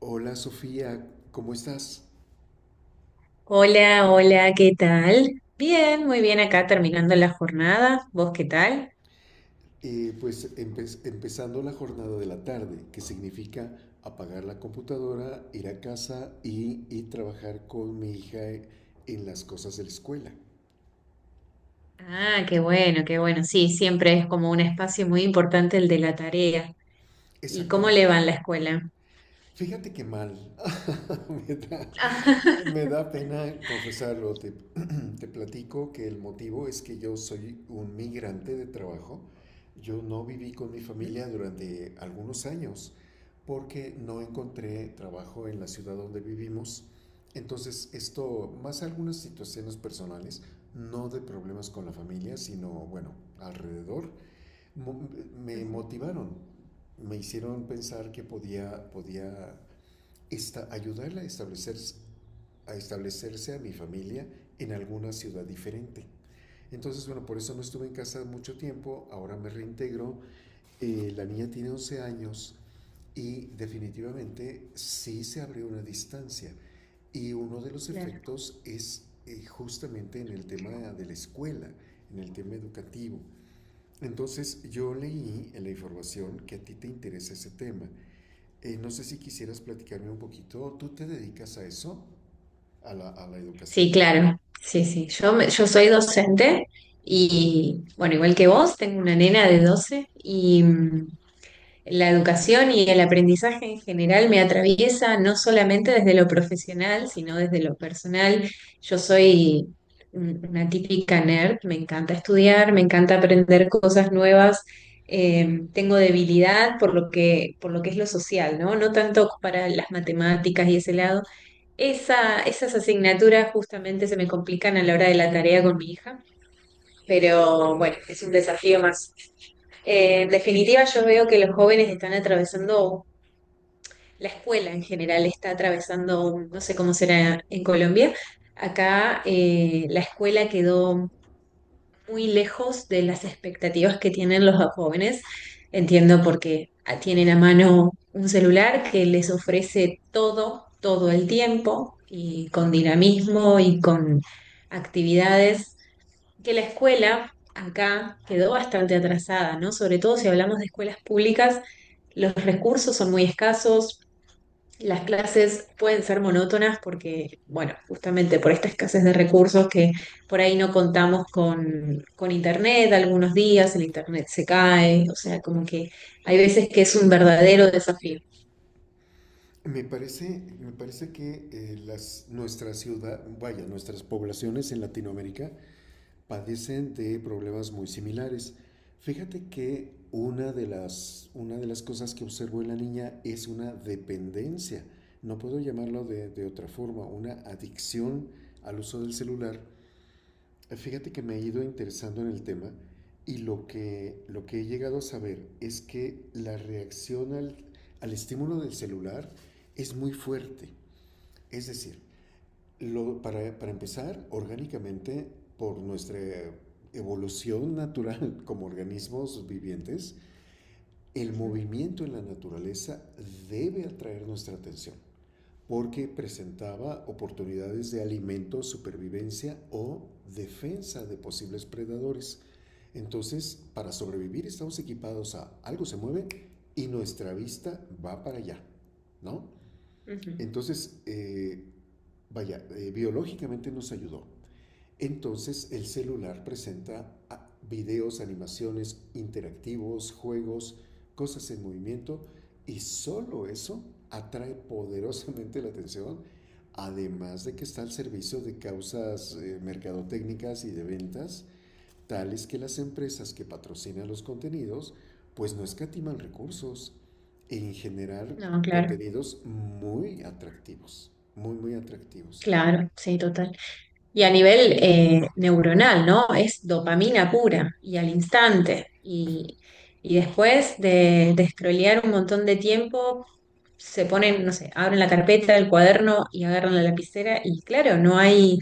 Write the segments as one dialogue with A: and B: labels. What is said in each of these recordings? A: Hola Sofía, ¿cómo estás?
B: Hola, hola, ¿qué tal? Bien, muy bien acá terminando la jornada. ¿Vos qué tal?
A: Empezando la jornada de la tarde, que significa apagar la computadora, ir a casa y trabajar con mi hija en las cosas de la escuela.
B: Ah, qué bueno, qué bueno. Sí, siempre es como un espacio muy importante el de la tarea. ¿Y
A: Exacta-
B: cómo le va en la escuela?
A: Fíjate que mal. Me da, me da pena confesarlo. Te platico que el motivo es que yo soy un migrante de trabajo. Yo no viví con mi
B: Mm.
A: familia durante algunos años porque no encontré trabajo en la ciudad donde vivimos. Entonces, esto, más algunas situaciones personales, no de problemas con la familia, sino, bueno, alrededor, mo- me
B: Ujú.
A: motivaron, me hicieron pensar que podía esta, ayudarla a establecerse, a establecerse a mi familia en alguna ciudad diferente. Entonces, bueno, por eso no estuve en casa mucho tiempo, ahora me reintegro. La niña tiene 11 años y definitivamente sí se abrió una distancia. Y uno de los
B: Claro.
A: efectos es justamente en el tema de la escuela, en el tema educativo. Entonces yo leí en la información que a ti te interesa ese tema. No sé si quisieras platicarme un poquito, ¿tú te dedicas a eso? A la
B: Sí,
A: educación.
B: claro. Sí, sí. Yo soy docente
A: Ajá.
B: y, bueno, igual que vos, tengo una nena de 12 La educación y el aprendizaje en general me atraviesa no solamente desde lo profesional, sino desde lo personal. Yo soy una típica nerd, me encanta estudiar, me encanta aprender cosas nuevas. Tengo debilidad por lo que es lo social, ¿no? No tanto para las matemáticas y ese lado. Esas asignaturas justamente se me complican a la hora de la tarea con mi hija, pero bueno, es un desafío más. En definitiva, yo veo que los jóvenes están atravesando, la escuela en general está atravesando, no sé cómo será en Colombia. Acá la escuela quedó muy lejos de las expectativas que tienen los jóvenes. Entiendo porque tienen a mano un celular que les ofrece todo, todo el tiempo, y con dinamismo y con actividades, que la escuela acá quedó bastante atrasada, ¿no? Sobre todo si hablamos de escuelas públicas, los recursos son muy escasos, las clases pueden ser monótonas porque, bueno, justamente por esta escasez de recursos que por ahí no contamos con internet, algunos días el internet se cae, o sea, como que hay veces que es un verdadero desafío.
A: Me parece que nuestra ciudad, vaya, nuestras poblaciones en Latinoamérica padecen de problemas muy similares. Fíjate que una de las cosas que observo en la niña es una dependencia, no puedo llamarlo de otra forma, una adicción al uso del celular. Fíjate que me he ido interesando en el tema y lo que he llegado a saber es que la reacción al estímulo del celular es muy fuerte. Es decir, para empezar, orgánicamente, por nuestra evolución natural como organismos vivientes, el
B: Ujú,
A: movimiento en la naturaleza debe atraer nuestra atención porque presentaba oportunidades de alimento, supervivencia o defensa de posibles predadores. Entonces, para sobrevivir estamos equipados a algo se mueve y nuestra vista va para allá, ¿no?
B: ujú.
A: Entonces, biológicamente nos ayudó. Entonces el celular presenta ah, videos, animaciones interactivos, juegos, cosas en movimiento y solo eso atrae poderosamente la atención, además de que está al servicio de causas mercadotécnicas y de ventas, tales que las empresas que patrocinan los contenidos pues no escatiman recursos en generar
B: No, claro,
A: contenidos muy atractivos, muy atractivos.
B: claro, sí, total. Y a nivel neuronal, ¿no? Es dopamina pura y al instante. Y después de scrollear un montón de tiempo, se ponen, no sé, abren la carpeta, el cuaderno y agarran la lapicera y claro, no hay,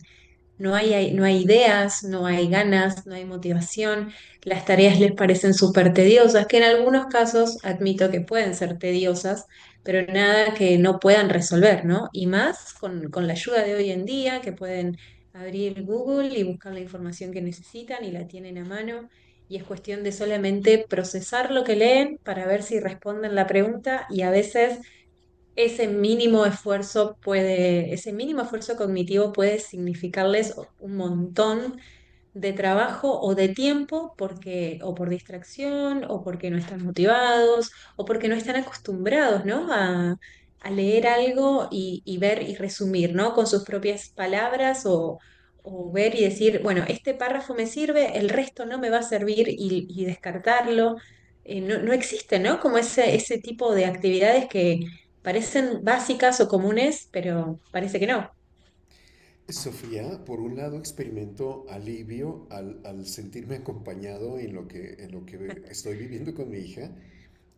B: no hay, no hay ideas, no hay ganas, no hay motivación, las tareas les parecen súper tediosas, que en algunos casos admito que pueden ser tediosas, pero nada que no puedan resolver, ¿no? Y más con la ayuda de hoy en día, que pueden abrir Google y buscar la información que necesitan y la tienen a mano, y es cuestión de solamente procesar lo que leen para ver si responden la pregunta, y a veces ese mínimo esfuerzo puede, ese mínimo esfuerzo cognitivo puede significarles un montón de trabajo o de tiempo porque, o por distracción o porque no están motivados o porque no están acostumbrados, ¿no? A leer algo y ver y resumir, ¿no? Con sus propias palabras, o ver y decir, bueno, este párrafo me sirve, el resto no me va a servir, y descartarlo. No, no existe, ¿no? Como ese tipo de actividades que parecen básicas o comunes, pero parece que no.
A: Sofía, por un lado, experimento alivio al sentirme acompañado en en lo que estoy viviendo con mi hija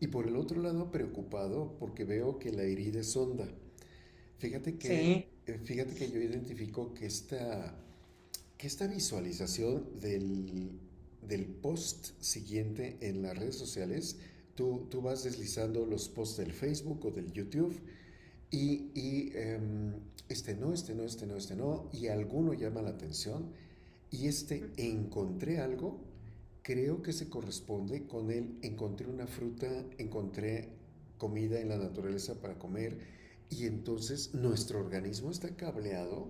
A: y por el otro lado preocupado porque veo que la herida es honda.
B: Sí.
A: Fíjate que yo identifico que que esta visualización del post siguiente en las redes sociales, tú vas deslizando los posts del Facebook o del YouTube y este no, este no, este no, este no, y alguno llama la atención, y este
B: Ujú,
A: encontré algo, creo que se corresponde con el encontré una fruta, encontré comida en la naturaleza para comer, y entonces nuestro organismo está cableado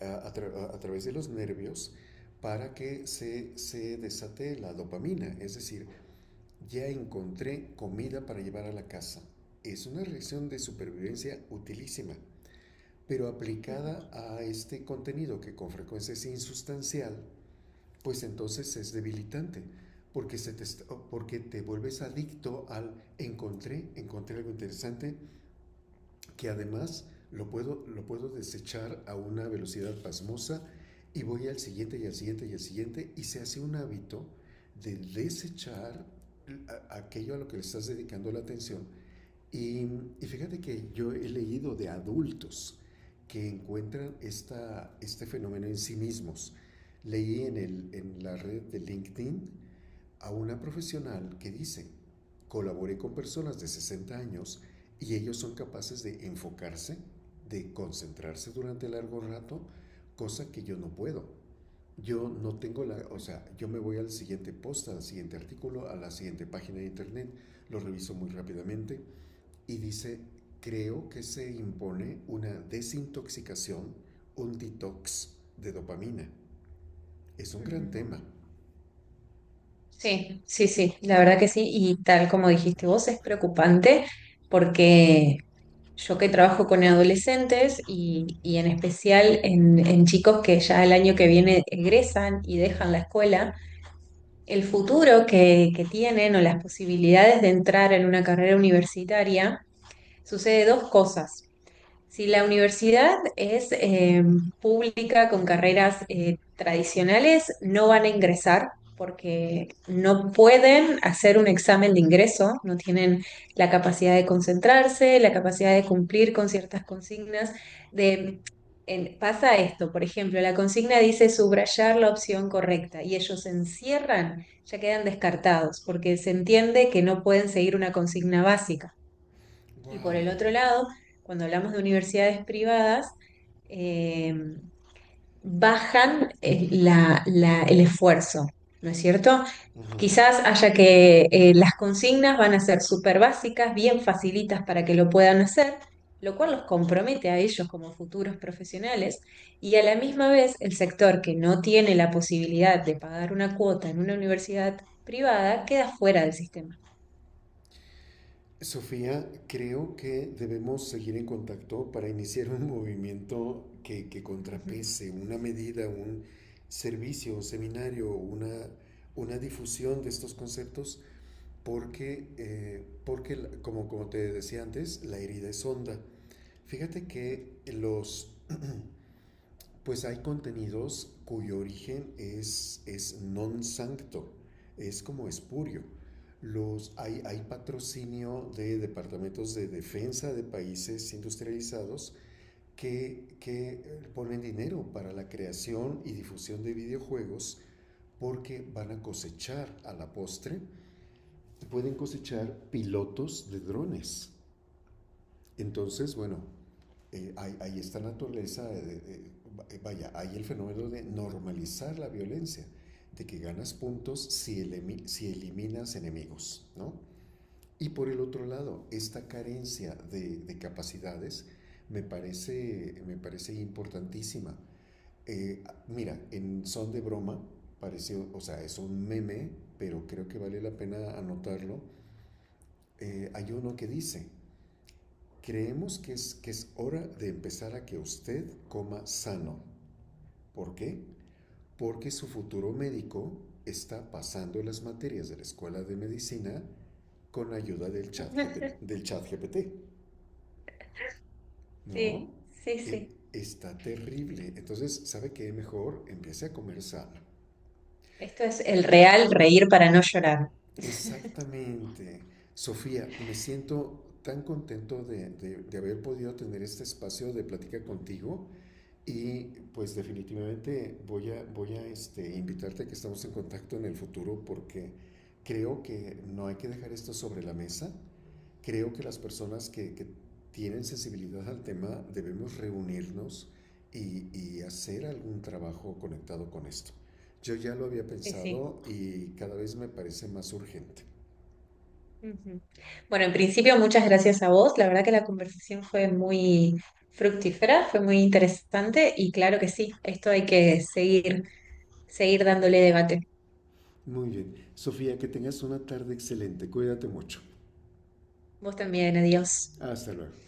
A: a través de los nervios para que se desate la dopamina, es decir, ya encontré comida para llevar a la casa. Es una reacción de supervivencia utilísima pero
B: ujú,
A: aplicada a este contenido que con frecuencia es insustancial, pues entonces es debilitante, porque, se te, porque te vuelves adicto al encontré, encontré algo interesante, que además lo puedo desechar a una velocidad pasmosa y voy al siguiente y al siguiente y al siguiente y se hace un hábito de desechar aquello a lo que le estás dedicando la atención y, y fíjate que yo he leído de adultos que encuentran este fenómeno en sí mismos. Leí en, el, en la red de LinkedIn a una profesional que dice, colaboré con personas de 60 años y ellos son capaces de enfocarse, de concentrarse durante largo rato, cosa que yo no puedo. Yo no tengo la, o sea, yo me voy al siguiente post, al siguiente artículo, a la siguiente página de internet, lo reviso muy rápidamente, y dice, creo que se impone una desintoxicación, un detox de dopamina. Es un gran
B: ujú.
A: tema.
B: Sí, sí, sí, la verdad que sí. Y tal como dijiste vos, es preocupante porque yo que trabajo con adolescentes, y en especial en chicos que ya el año que viene egresan y dejan la escuela, el futuro que tienen o las posibilidades de entrar en una carrera universitaria, sucede dos cosas. Si la universidad es pública con carreras tradicionales, no van a ingresar porque no pueden hacer un examen de ingreso, no tienen la capacidad de concentrarse, la capacidad de cumplir con ciertas consignas. De, Pasa esto, por ejemplo, la consigna dice subrayar la opción correcta y ellos se encierran, ya quedan descartados porque se entiende que no pueden seguir una consigna básica. Y por
A: ¡Wow!
B: el otro lado, cuando hablamos de universidades privadas, eh, bajan el esfuerzo, ¿no es cierto?
A: Ujú.
B: Quizás haya que las consignas van a ser súper básicas, bien facilitas para que lo puedan hacer, lo cual los compromete a ellos como futuros profesionales, y a la misma vez el sector que no tiene la posibilidad de pagar una cuota en una universidad privada queda fuera del sistema.
A: Sofía, creo que debemos seguir en contacto para iniciar un movimiento que contrapese una medida, un servicio, un seminario, una difusión de estos conceptos, porque como te decía antes, la herida es honda. Fíjate que los… Pues hay contenidos cuyo origen es non sancto, es como espurio. Los, hay patrocinio de departamentos de defensa de países industrializados que ponen dinero para la creación y difusión de videojuegos porque van a cosechar a la postre, pueden cosechar pilotos de drones. Entonces, bueno, hay esta naturaleza, vaya, hay el fenómeno de normalizar la violencia, de que ganas puntos si, elimi si eliminas enemigos, ¿no? Y por el otro lado, esta carencia de capacidades me parece importantísima. Mira, en son de broma, pareció, o sea, es un meme, pero creo que vale la pena anotarlo. Hay uno que dice, creemos que que es hora de empezar a que usted coma sano. ¿Por qué? Porque su futuro médico está pasando las materias de la escuela de medicina con la ayuda del chat GPT, ¿no?
B: Sí, sí,
A: E,
B: sí.
A: está terrible. Entonces, ¿sabe qué? Mejor empiece a comer sano.
B: Esto es el real reír para no llorar.
A: Exactamente. Sofía, me siento tan contento de haber podido tener este espacio de plática contigo. Y pues definitivamente voy a este, invitarte a que estamos en contacto en el futuro porque creo que no hay que dejar esto sobre la mesa. Creo que las personas que tienen sensibilidad al tema debemos reunirnos y hacer algún trabajo conectado con esto. Yo ya lo había
B: Sí, sí.
A: pensado y cada vez me parece más urgente.
B: Ujú. Bueno, en principio, muchas gracias a vos. La verdad que la conversación fue muy fructífera, fue muy interesante, y claro que sí, esto hay que seguir, dándole debate.
A: Muy bien. Sofía, que tengas una tarde excelente. Cuídate mucho.
B: Vos también, adiós.
A: Hasta luego.